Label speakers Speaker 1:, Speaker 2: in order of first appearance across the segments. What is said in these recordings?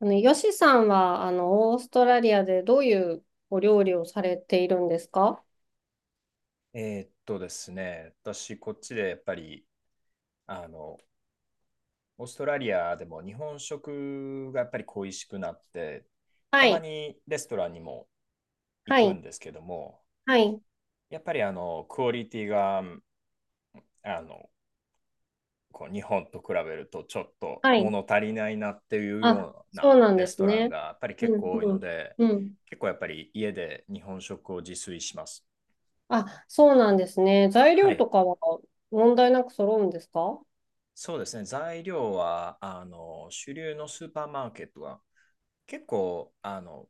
Speaker 1: あの、ヨシさんは、あの、オーストラリアでどういうお料理をされているんですか？
Speaker 2: ですね、私、こっちでやっぱり、あの、オーストラリアでも日本食がやっぱり恋しくなって、た
Speaker 1: は
Speaker 2: ま
Speaker 1: い、
Speaker 2: にレストランにも行
Speaker 1: は
Speaker 2: く
Speaker 1: い、
Speaker 2: んですけども、
Speaker 1: はい、
Speaker 2: やっぱりクオリティが、あの、こう日本と比べるとちょっと
Speaker 1: はい。
Speaker 2: 物足りないなっていう
Speaker 1: あ、
Speaker 2: よう
Speaker 1: そ
Speaker 2: な
Speaker 1: うなん
Speaker 2: レ
Speaker 1: で
Speaker 2: ス
Speaker 1: す
Speaker 2: トラン
Speaker 1: ね。
Speaker 2: がやっぱり
Speaker 1: う
Speaker 2: 結
Speaker 1: ん、
Speaker 2: 構多い
Speaker 1: う
Speaker 2: の
Speaker 1: ん、
Speaker 2: で、
Speaker 1: うん。
Speaker 2: 結構やっぱり家で日本食を自炊します。
Speaker 1: あ、そうなんですね。材料
Speaker 2: は
Speaker 1: とかは問題なく揃うんですか？
Speaker 2: そうですね、材料は主流のスーパーマーケットは結構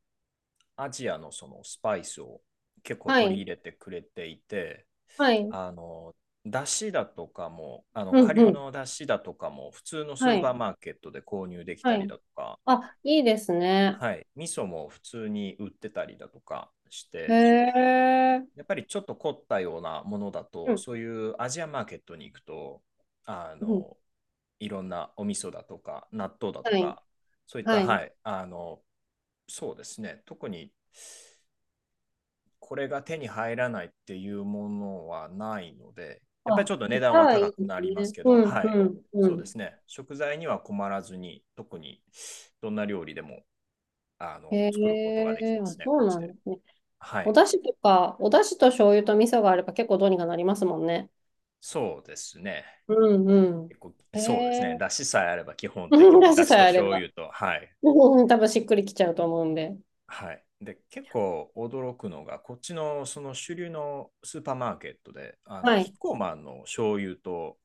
Speaker 2: アジアのそのスパイスを結構
Speaker 1: は
Speaker 2: 取り
Speaker 1: い、
Speaker 2: 入れてくれていて、
Speaker 1: はい、
Speaker 2: あのだしだとかも、
Speaker 1: うん、
Speaker 2: 顆
Speaker 1: う
Speaker 2: 粒
Speaker 1: ん、
Speaker 2: のだしだとかも普通のス
Speaker 1: は
Speaker 2: ー
Speaker 1: い、
Speaker 2: パーマーケットで購入でき
Speaker 1: は
Speaker 2: たり
Speaker 1: い。
Speaker 2: だとか、
Speaker 1: あ、いいですね。
Speaker 2: はい、味噌も普通に売ってたりだとかし
Speaker 1: へ
Speaker 2: て、
Speaker 1: え、
Speaker 2: やっぱりちょっと凝ったようなものだ
Speaker 1: う
Speaker 2: と、
Speaker 1: ん、
Speaker 2: そういうアジアマーケットに行くと、あ
Speaker 1: うん、
Speaker 2: の、いろんなお味噌だとか、納豆だ
Speaker 1: は
Speaker 2: と
Speaker 1: い、
Speaker 2: か、そういった、
Speaker 1: はい。
Speaker 2: はい、そうですね、特にこれが手に入らないっていうものはないので、やっぱりちょ
Speaker 1: あ、
Speaker 2: っと値
Speaker 1: じ
Speaker 2: 段
Speaker 1: ゃ
Speaker 2: は
Speaker 1: あい
Speaker 2: 高
Speaker 1: い
Speaker 2: く
Speaker 1: で
Speaker 2: な
Speaker 1: す
Speaker 2: ります
Speaker 1: ね。
Speaker 2: けど、
Speaker 1: うん、
Speaker 2: はい、
Speaker 1: うん、う
Speaker 2: そうで
Speaker 1: ん。
Speaker 2: すね、食材には困らずに、特にどんな料理でも
Speaker 1: へ
Speaker 2: 作ることができ
Speaker 1: え、
Speaker 2: ま
Speaker 1: あ、
Speaker 2: すね、
Speaker 1: そ
Speaker 2: こっ
Speaker 1: う
Speaker 2: ち
Speaker 1: なん
Speaker 2: で。
Speaker 1: ですね。
Speaker 2: は
Speaker 1: お
Speaker 2: い、
Speaker 1: 出汁とか、お出汁と醤油と味噌があれば結構どうにかなりますもんね。
Speaker 2: そうですね。
Speaker 1: うんう
Speaker 2: 結構
Speaker 1: ん。へ
Speaker 2: そうですね。
Speaker 1: え。
Speaker 2: だしさえあれば基本的 に、
Speaker 1: 出
Speaker 2: だ
Speaker 1: 汁
Speaker 2: し
Speaker 1: さえ
Speaker 2: と
Speaker 1: あれ
Speaker 2: 醤
Speaker 1: ば。
Speaker 2: 油と、はい。
Speaker 1: うん、多分しっくりきちゃうと思うんで。
Speaker 2: はい。で、結構驚くのが、こっちのその主流のスーパーマーケットで、
Speaker 1: は
Speaker 2: キッ
Speaker 1: い。
Speaker 2: コーマンの醤油と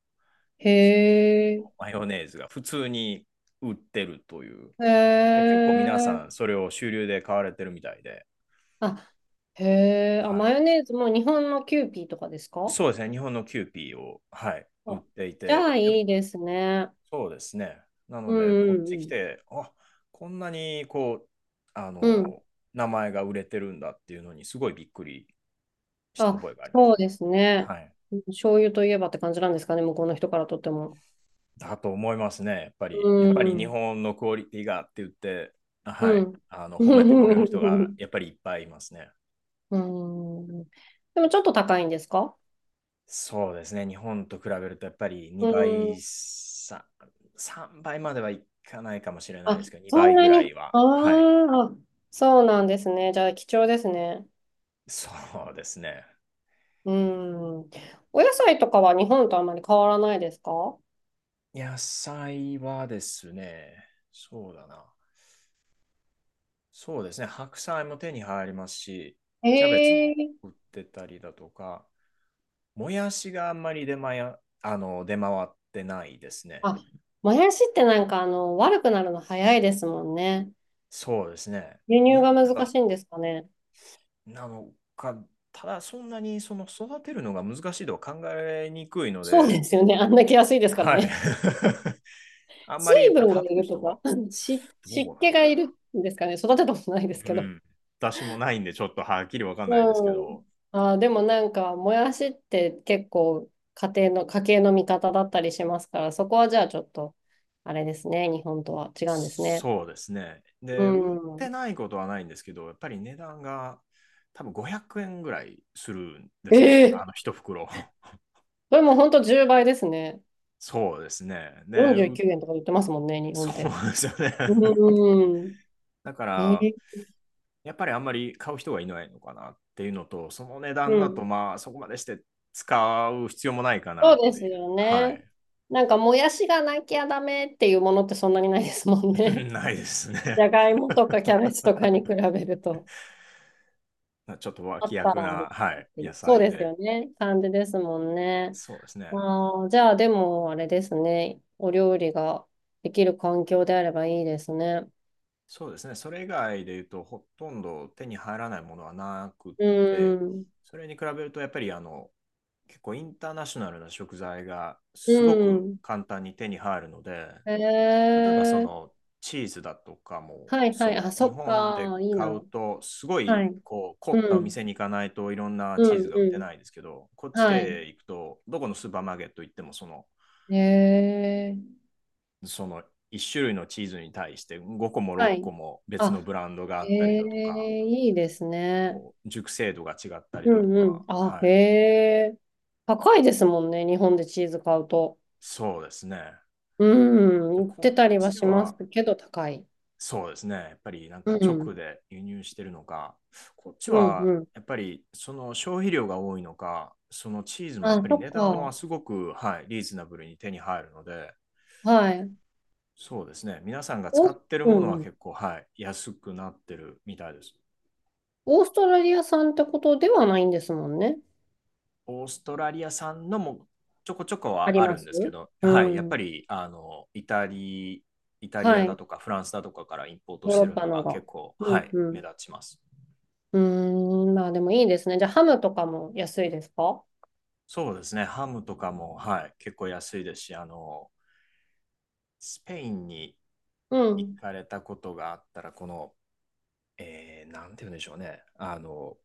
Speaker 1: へ
Speaker 2: キューピー
Speaker 1: え。
Speaker 2: のマヨネーズが普通に売ってるという。
Speaker 1: へ
Speaker 2: で、結構皆
Speaker 1: え。
Speaker 2: さんそれを主流で買われてるみたいで、
Speaker 1: あ、へえ。あ、
Speaker 2: は
Speaker 1: マ
Speaker 2: い。
Speaker 1: ヨネーズも日本のキューピーとかですか？
Speaker 2: そうですね。日本のキューピーを、はい、売っ
Speaker 1: あ、
Speaker 2: てい
Speaker 1: じゃ
Speaker 2: て、
Speaker 1: あいいですね。
Speaker 2: そうですね。なの
Speaker 1: う
Speaker 2: で、こ
Speaker 1: ん
Speaker 2: っち来
Speaker 1: うん
Speaker 2: て、あ、こんなにこう、あ
Speaker 1: うん。うん。
Speaker 2: の、名前が売れてるんだっていうのに、すごいびっくりした
Speaker 1: あ、
Speaker 2: 覚えがありま
Speaker 1: そ
Speaker 2: す。
Speaker 1: うですね。
Speaker 2: はい。
Speaker 1: 醤油といえばって感じなんですかね、向こうの人からとっても。
Speaker 2: だと思いますね。やっぱ
Speaker 1: う
Speaker 2: り、やっぱり日
Speaker 1: ん。
Speaker 2: 本のクオリティがって言って、は
Speaker 1: う
Speaker 2: い。
Speaker 1: ん。
Speaker 2: 褒めてくれる人が やっぱりいっぱいいますね。
Speaker 1: うん。でもちょっと高いんですか？
Speaker 2: そうですね。日本と比べると、やっぱり
Speaker 1: う
Speaker 2: 2倍、
Speaker 1: ん。
Speaker 2: 3倍まではいかないかもしれないで
Speaker 1: あ、
Speaker 2: すけど、
Speaker 1: そ
Speaker 2: 2
Speaker 1: ん
Speaker 2: 倍ぐ
Speaker 1: な
Speaker 2: らい
Speaker 1: に。
Speaker 2: は、はい。
Speaker 1: ああ、そうなんですね。じゃあ貴重ですね。
Speaker 2: そうですね。
Speaker 1: うん。お野菜とかは日本とあまり変わらないですか？
Speaker 2: 野菜はですね、そうだな。そうですね、白菜も手に入りますし、キャベツも
Speaker 1: ええ。
Speaker 2: 売ってたりだとか、もやしがあんまり出回や、あの、出回ってないですね。
Speaker 1: あ、もやしってなんかあの、悪くなるの早いですもんね。
Speaker 2: そうですね。
Speaker 1: 輸
Speaker 2: 日
Speaker 1: 入
Speaker 2: 本
Speaker 1: が難
Speaker 2: だ
Speaker 1: しいんですかね。
Speaker 2: なのか、ただそんなにその育てるのが難しいとは考えにくいの
Speaker 1: そう
Speaker 2: で、
Speaker 1: ですよね。あんだけ安いですから
Speaker 2: はい。
Speaker 1: ね。
Speaker 2: あんま
Speaker 1: 水
Speaker 2: りやっぱり
Speaker 1: 分が
Speaker 2: 食
Speaker 1: い
Speaker 2: べる
Speaker 1: ると
Speaker 2: 人
Speaker 1: か、
Speaker 2: が どう
Speaker 1: 湿
Speaker 2: なん
Speaker 1: 気
Speaker 2: だ
Speaker 1: がいるんですかね。育てたことないです
Speaker 2: ろう。
Speaker 1: け
Speaker 2: う
Speaker 1: ど。
Speaker 2: ん。私もないんで、ちょっとはっきりわかんないんですけ
Speaker 1: う
Speaker 2: ど、
Speaker 1: ん。あー、でもなんか、もやしって結構家庭の、家計の味方だったりしますから、そこはじゃあちょっと、あれですね、日本とは違うんですね。
Speaker 2: そうですね。
Speaker 1: う
Speaker 2: で、売って
Speaker 1: ん。
Speaker 2: ないことはないんですけど、やっぱり値段が多分500円ぐらいするんで
Speaker 1: え
Speaker 2: すね。
Speaker 1: え。
Speaker 2: 一袋。
Speaker 1: それも本当10倍ですね。
Speaker 2: そうですね。で、
Speaker 1: 49円とか言ってますもんね、日
Speaker 2: そ
Speaker 1: 本って。
Speaker 2: うですよね。
Speaker 1: うん。
Speaker 2: だか
Speaker 1: え
Speaker 2: ら、
Speaker 1: え。
Speaker 2: やっぱりあんまり買う人がいないのかなっていうのと、その値
Speaker 1: う
Speaker 2: 段だと、
Speaker 1: ん。
Speaker 2: まあ、そこまでして使う必要もないかな
Speaker 1: そ
Speaker 2: っ
Speaker 1: うで
Speaker 2: て
Speaker 1: す
Speaker 2: いう。
Speaker 1: よ
Speaker 2: は
Speaker 1: ね。
Speaker 2: い。
Speaker 1: なんか、もやしがなきゃダメっていうものってそんなにないですもんね。
Speaker 2: ないです
Speaker 1: じ
Speaker 2: ね。
Speaker 1: ゃがいもとかキャベツとかに比べると。
Speaker 2: ちょっと
Speaker 1: あっ
Speaker 2: 脇
Speaker 1: た
Speaker 2: 役
Speaker 1: らあり
Speaker 2: な、
Speaker 1: が
Speaker 2: は
Speaker 1: たいっ
Speaker 2: い、
Speaker 1: てい
Speaker 2: 野
Speaker 1: う。そう
Speaker 2: 菜
Speaker 1: です
Speaker 2: で。
Speaker 1: よね。感じですもんね。
Speaker 2: そうですね。
Speaker 1: ああ、じゃあでもあれですね。お料理ができる環境であればいいですね。
Speaker 2: そうですね。それ以外で言うと、ほとんど手に入らないものはなくっ
Speaker 1: う
Speaker 2: て、
Speaker 1: ん。
Speaker 2: それに比べると、やっぱり結構インターナショナルな食材が
Speaker 1: う
Speaker 2: すごく
Speaker 1: ん。
Speaker 2: 簡単に手に入るので、
Speaker 1: へ
Speaker 2: 例えばそ
Speaker 1: え。
Speaker 2: のチーズだとかも、
Speaker 1: はいは
Speaker 2: そ
Speaker 1: い。あ、
Speaker 2: の
Speaker 1: そ
Speaker 2: 日
Speaker 1: っ
Speaker 2: 本で
Speaker 1: か。いい
Speaker 2: 買
Speaker 1: な。
Speaker 2: うと、すご
Speaker 1: は
Speaker 2: い
Speaker 1: い。
Speaker 2: こう凝
Speaker 1: う
Speaker 2: ったお
Speaker 1: ん。
Speaker 2: 店に行かないといろんな
Speaker 1: う
Speaker 2: チーズ
Speaker 1: ん
Speaker 2: が売って
Speaker 1: う
Speaker 2: ないんですけど、こっ
Speaker 1: ん。
Speaker 2: ち
Speaker 1: はい。
Speaker 2: で行くと、どこのスーパーマーケット行っても
Speaker 1: へえ。
Speaker 2: その、1種類のチーズに対して5個も
Speaker 1: は
Speaker 2: 6個
Speaker 1: い。
Speaker 2: も別の
Speaker 1: あ、
Speaker 2: ブランドがあ
Speaker 1: へ
Speaker 2: ったりだとか、
Speaker 1: え、いいですね。
Speaker 2: こう熟成度が違ったり
Speaker 1: う
Speaker 2: だと
Speaker 1: んう
Speaker 2: か、
Speaker 1: ん。あ、
Speaker 2: は
Speaker 1: へ
Speaker 2: い、
Speaker 1: え。高いですもんね。日本でチーズ買うと。
Speaker 2: そうですね。
Speaker 1: う
Speaker 2: で
Speaker 1: ん、言っ
Speaker 2: こ
Speaker 1: て
Speaker 2: っ
Speaker 1: たりは
Speaker 2: ち
Speaker 1: します
Speaker 2: は、
Speaker 1: けど、高い。
Speaker 2: そうですね、やっぱりなん
Speaker 1: う
Speaker 2: か直
Speaker 1: ん、
Speaker 2: で輸入してるのか、こっち
Speaker 1: うん、
Speaker 2: は
Speaker 1: うん。
Speaker 2: やっぱりその消費量が多いのか、そのチーズもやっ
Speaker 1: あ、
Speaker 2: ぱり
Speaker 1: そっ
Speaker 2: 値段はすごく、はい、リーズナブルに手に入るので、
Speaker 1: か。はい。
Speaker 2: そうですね、皆さんが使
Speaker 1: オー
Speaker 2: っ
Speaker 1: ス、
Speaker 2: てる
Speaker 1: う
Speaker 2: ものは
Speaker 1: んうん、
Speaker 2: 結構、はい、安くなってるみたいです。
Speaker 1: オーストラリア産ってことではないんですもんね。
Speaker 2: オーストラリア産のもちょこちょこ
Speaker 1: あ
Speaker 2: は
Speaker 1: り
Speaker 2: あ
Speaker 1: ま
Speaker 2: るん
Speaker 1: す。
Speaker 2: ですけど、
Speaker 1: う
Speaker 2: はい、やっぱ
Speaker 1: ん。
Speaker 2: りイタリ
Speaker 1: は
Speaker 2: アだ
Speaker 1: い。
Speaker 2: とかフランスだとかからインポート
Speaker 1: ヨー
Speaker 2: し
Speaker 1: ロ
Speaker 2: て
Speaker 1: ッ
Speaker 2: る
Speaker 1: パ
Speaker 2: の
Speaker 1: の
Speaker 2: が
Speaker 1: が。
Speaker 2: 結構、
Speaker 1: う
Speaker 2: は
Speaker 1: ん、
Speaker 2: い、
Speaker 1: う
Speaker 2: 目
Speaker 1: ん。
Speaker 2: 立ちます。
Speaker 1: うーん、まあでもいいですね。じゃあ、ハムとかも安いですか？
Speaker 2: そうですね、ハムとかも、はい、結構安いですし、スペインに
Speaker 1: う
Speaker 2: 行
Speaker 1: ん。
Speaker 2: かれたことがあったら、この、なんて言うんでしょうね、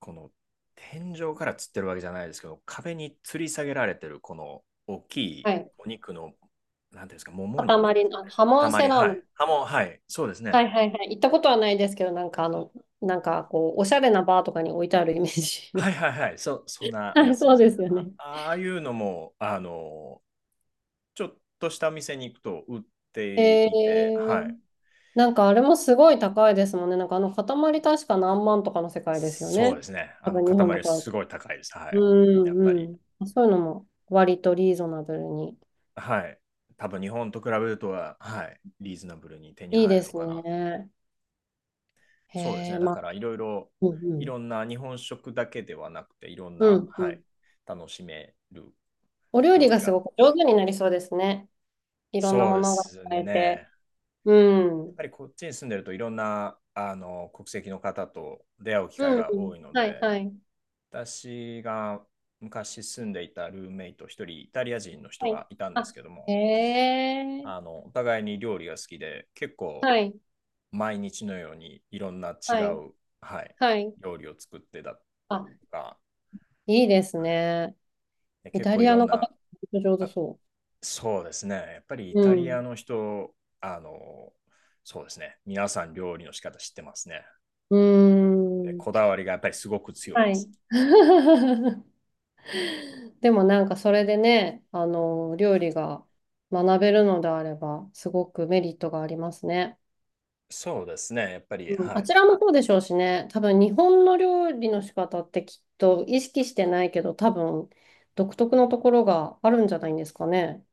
Speaker 2: この天井から吊ってるわけじゃないですけど、壁に吊り下げられてるこの大きい
Speaker 1: はい。
Speaker 2: お肉の、なんていうんですか、もも肉で
Speaker 1: 塊
Speaker 2: す
Speaker 1: の、あ、ハモ
Speaker 2: か
Speaker 1: ンセ
Speaker 2: ね。塊、
Speaker 1: ラー
Speaker 2: は
Speaker 1: ム。
Speaker 2: い。あ、もう、はい、そうです
Speaker 1: は
Speaker 2: ね。
Speaker 1: いはいはい。行ったことはないですけど、なんかあの、なんかこう、おしゃれなバーとかに置いてあるイメー
Speaker 2: は
Speaker 1: ジ。
Speaker 2: いはい はい、そんな
Speaker 1: は
Speaker 2: や
Speaker 1: い、
Speaker 2: つで
Speaker 1: そう
Speaker 2: す
Speaker 1: で
Speaker 2: ね。
Speaker 1: すよね。
Speaker 2: あ、ああいうのも、ちょっとした店に行くと売って
Speaker 1: え
Speaker 2: いて、はい。
Speaker 1: ー、なんかあれもすごい高いですもんね。なんかあの塊確か何万とかの世界ですよ
Speaker 2: そう
Speaker 1: ね。
Speaker 2: ですね。
Speaker 1: 多分日本で
Speaker 2: 塊
Speaker 1: 買う
Speaker 2: す
Speaker 1: と。
Speaker 2: ごい高いです。は
Speaker 1: う
Speaker 2: い。や
Speaker 1: ん
Speaker 2: っぱり。
Speaker 1: うん。そういうのも割とリーズナブルに。
Speaker 2: はい。多分日本と比べるとは、はい。リーズナブルに手に
Speaker 1: いい
Speaker 2: 入
Speaker 1: で
Speaker 2: るの
Speaker 1: す
Speaker 2: かな。
Speaker 1: ね。へ
Speaker 2: そうですね。
Speaker 1: え、
Speaker 2: だ
Speaker 1: ま
Speaker 2: か
Speaker 1: あ、
Speaker 2: ら
Speaker 1: うんう
Speaker 2: いろ
Speaker 1: ん。
Speaker 2: んな日本食だけではなくて、いろん
Speaker 1: う
Speaker 2: な、
Speaker 1: ん
Speaker 2: は
Speaker 1: う
Speaker 2: い、
Speaker 1: ん。
Speaker 2: 楽しめる
Speaker 1: お料理
Speaker 2: 料理
Speaker 1: がす
Speaker 2: が。
Speaker 1: ごく上手になりそうですね。いろんな
Speaker 2: そう
Speaker 1: も
Speaker 2: で
Speaker 1: のが
Speaker 2: す
Speaker 1: 使えて。
Speaker 2: ね。
Speaker 1: う
Speaker 2: やっ
Speaker 1: ん。
Speaker 2: ぱりこっちに住んでるといろんな国籍の方と出会う機会
Speaker 1: うん
Speaker 2: が
Speaker 1: う
Speaker 2: 多
Speaker 1: ん。
Speaker 2: いの
Speaker 1: はい
Speaker 2: で、
Speaker 1: はい。
Speaker 2: 私が昔住んでいたルーメイト一人イタリア人の人
Speaker 1: はい。
Speaker 2: がいたんで
Speaker 1: あ、
Speaker 2: すけども、
Speaker 1: へえ。
Speaker 2: お互いに料理が好きで、結構
Speaker 1: はい
Speaker 2: 毎日のようにいろんな違
Speaker 1: はい
Speaker 2: う、はい、
Speaker 1: はい。
Speaker 2: 料理を作ってたと
Speaker 1: あ、
Speaker 2: か、
Speaker 1: いいですね。
Speaker 2: で
Speaker 1: イ
Speaker 2: 結
Speaker 1: タ
Speaker 2: 構い
Speaker 1: リア
Speaker 2: ろん
Speaker 1: の方、
Speaker 2: な、
Speaker 1: 本当上手
Speaker 2: あ、
Speaker 1: そ
Speaker 2: そうですね。やっぱりイ
Speaker 1: う。
Speaker 2: タ
Speaker 1: う
Speaker 2: リア
Speaker 1: ん。
Speaker 2: の人、あの、そうですね。皆さん料理の仕方知ってますね。
Speaker 1: うー
Speaker 2: で、こ
Speaker 1: ん。
Speaker 2: だわりがやっぱりすごく強い
Speaker 1: は
Speaker 2: で
Speaker 1: い。
Speaker 2: す。
Speaker 1: でもなんかそれでね、あの、料理が学べるのであれば、すごくメリットがありますね。
Speaker 2: そうですね。やっぱり、
Speaker 1: うん、
Speaker 2: は
Speaker 1: あ
Speaker 2: い。
Speaker 1: ちらもそうでしょうしね、多分日本の料理の仕方ってきっと意識してないけど、多分独特のところがあるんじゃないんですかね。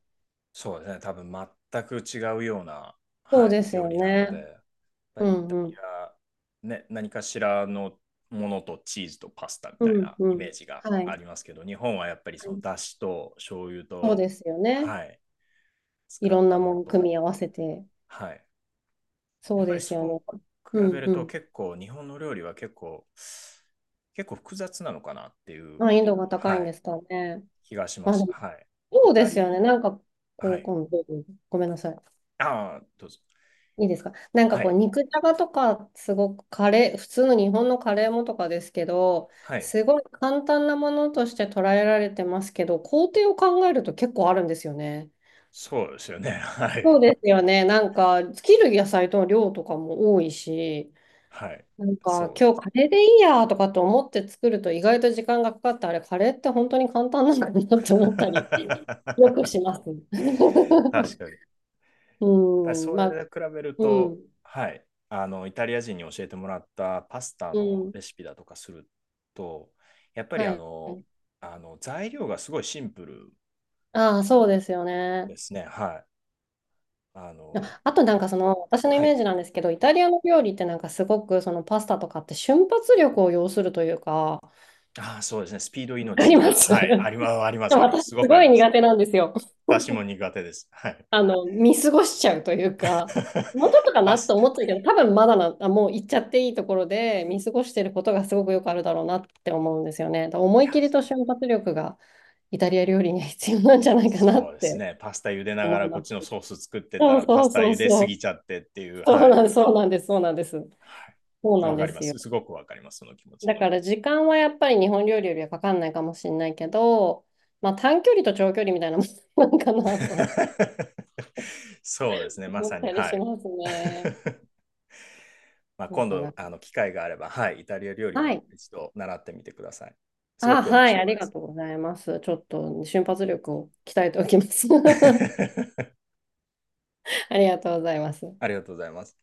Speaker 2: そうですね。多分全く違うような、
Speaker 1: そう
Speaker 2: は
Speaker 1: で
Speaker 2: い、
Speaker 1: す
Speaker 2: 料
Speaker 1: よ
Speaker 2: 理なの
Speaker 1: ね。
Speaker 2: で、やっぱ
Speaker 1: う
Speaker 2: りイタ
Speaker 1: んう
Speaker 2: リ
Speaker 1: ん。
Speaker 2: ア、ね、何かしらのものとチーズとパスタみ
Speaker 1: う
Speaker 2: たい
Speaker 1: ん
Speaker 2: な
Speaker 1: う
Speaker 2: イメ
Speaker 1: ん。
Speaker 2: ージが
Speaker 1: は
Speaker 2: あ
Speaker 1: い。
Speaker 2: りますけど、日本はやっぱり
Speaker 1: は
Speaker 2: その
Speaker 1: い。
Speaker 2: だしと醤油
Speaker 1: そう
Speaker 2: と、
Speaker 1: ですよね。
Speaker 2: はい、
Speaker 1: い
Speaker 2: 使
Speaker 1: ろ
Speaker 2: っ
Speaker 1: んな
Speaker 2: たも
Speaker 1: も
Speaker 2: の
Speaker 1: ん組
Speaker 2: と、
Speaker 1: み合わせて。
Speaker 2: はい、や
Speaker 1: そ
Speaker 2: っ
Speaker 1: う
Speaker 2: ぱ
Speaker 1: で
Speaker 2: り
Speaker 1: す
Speaker 2: そう
Speaker 1: よね。
Speaker 2: 比
Speaker 1: う
Speaker 2: べ
Speaker 1: ん
Speaker 2: る
Speaker 1: う
Speaker 2: と
Speaker 1: ん。
Speaker 2: 結構日本の料理は結構、複雑なのかなっていう、
Speaker 1: 難易度が高
Speaker 2: は
Speaker 1: いんで
Speaker 2: い、
Speaker 1: すかね。
Speaker 2: 気がしま
Speaker 1: まあで
Speaker 2: す。
Speaker 1: も、
Speaker 2: はい。イ
Speaker 1: そうで
Speaker 2: タ
Speaker 1: すよね。
Speaker 2: リ
Speaker 1: なんか、
Speaker 2: ア、
Speaker 1: こ
Speaker 2: は
Speaker 1: う、
Speaker 2: い。
Speaker 1: 今度、ごめんなさい。
Speaker 2: ああ、どうぞ。
Speaker 1: いいですか？なんか
Speaker 2: は
Speaker 1: こう、
Speaker 2: い。
Speaker 1: 肉じゃがとか、すごくカレー、普通の日本のカレーもとかですけど、
Speaker 2: はい。
Speaker 1: すごい簡単なものとして捉えられてますけど、工程を考えると結構あるんですよね。
Speaker 2: そうですよね。は
Speaker 1: そう
Speaker 2: い。
Speaker 1: ですよね。なんか、切る野菜の量とかも多いし、
Speaker 2: はい。
Speaker 1: なんか
Speaker 2: そう。
Speaker 1: 今日カレーでいいやとかと思って作ると意外と時間がかかって、あれ、カレーって本当に簡単なんだなって思ったり よくします。
Speaker 2: 確かに。やっぱり
Speaker 1: うん、
Speaker 2: そ
Speaker 1: ま
Speaker 2: れで
Speaker 1: あ、
Speaker 2: 比べる
Speaker 1: う
Speaker 2: と、
Speaker 1: ん、
Speaker 2: はい。イタリア人に教えてもらったパスタ
Speaker 1: う
Speaker 2: の
Speaker 1: ん、
Speaker 2: レシピだとかすると、やっぱり
Speaker 1: はい。
Speaker 2: 材料がすごいシンプル
Speaker 1: ああ、そうですよね。
Speaker 2: ですね。はい。あの、
Speaker 1: ああ、とな
Speaker 2: た
Speaker 1: んかその私のイ
Speaker 2: は
Speaker 1: メー
Speaker 2: い。
Speaker 1: ジなんですけど、イタリアの料理ってなんかすごくそのパスタとかって瞬発力を要するというか、わ
Speaker 2: ああ、そうですね。スピード
Speaker 1: か
Speaker 2: 命
Speaker 1: りま
Speaker 2: な。
Speaker 1: す。
Speaker 2: はい。ありま
Speaker 1: で
Speaker 2: す、あります、
Speaker 1: も
Speaker 2: ありま
Speaker 1: 私
Speaker 2: す。すご
Speaker 1: す
Speaker 2: くあ
Speaker 1: ご
Speaker 2: り
Speaker 1: い
Speaker 2: ます。
Speaker 1: 苦手なんですよ。
Speaker 2: 私も苦手です。はい。
Speaker 1: あの、見過ごしちゃうというか、もうちょっとか
Speaker 2: パ
Speaker 1: な
Speaker 2: ス、
Speaker 1: と思ってたけど、多分まだな、あ、もう行っちゃっていいところで見過ごしてることがすごくよくあるだろうなって思うんですよね。だから思
Speaker 2: い
Speaker 1: い
Speaker 2: や、
Speaker 1: 切りと瞬発力がイタリア料理には必要なんじゃないかな
Speaker 2: そ
Speaker 1: っ
Speaker 2: うです
Speaker 1: て
Speaker 2: ね。パスタ茹でなが
Speaker 1: 思い
Speaker 2: らこ
Speaker 1: ま
Speaker 2: っ
Speaker 1: す。
Speaker 2: ちのソース作ってた
Speaker 1: そう
Speaker 2: ら、パ
Speaker 1: そ
Speaker 2: ス
Speaker 1: う
Speaker 2: タ
Speaker 1: そう
Speaker 2: 茹です
Speaker 1: そう。
Speaker 2: ぎちゃってっていう、はい。
Speaker 1: そうなんです、そうなんです。
Speaker 2: は
Speaker 1: そう
Speaker 2: い。
Speaker 1: な
Speaker 2: わ
Speaker 1: ん
Speaker 2: か
Speaker 1: で
Speaker 2: りま
Speaker 1: すよ。
Speaker 2: す。すごくわかります、その気持ち。
Speaker 1: だから時間はやっぱり日本料理よりはかかんないかもしれないけど、まあ短距離と長距離みたいなもんなんかなと
Speaker 2: そうですね。ま
Speaker 1: 思
Speaker 2: さ
Speaker 1: っ
Speaker 2: に、
Speaker 1: たり
Speaker 2: は
Speaker 1: し
Speaker 2: い。
Speaker 1: ますね。
Speaker 2: まあ、
Speaker 1: な
Speaker 2: 今
Speaker 1: か
Speaker 2: 度
Speaker 1: なか。
Speaker 2: 機会があれば、はい、イタリア料理
Speaker 1: は
Speaker 2: も
Speaker 1: い。
Speaker 2: 一度習ってみてください。すご
Speaker 1: あ、
Speaker 2: く面
Speaker 1: はい、あ
Speaker 2: 白い
Speaker 1: り
Speaker 2: で
Speaker 1: が
Speaker 2: す。
Speaker 1: とうございます。ちょっと瞬発力を鍛えておきます。ありがとうございます。
Speaker 2: ありがとうございます。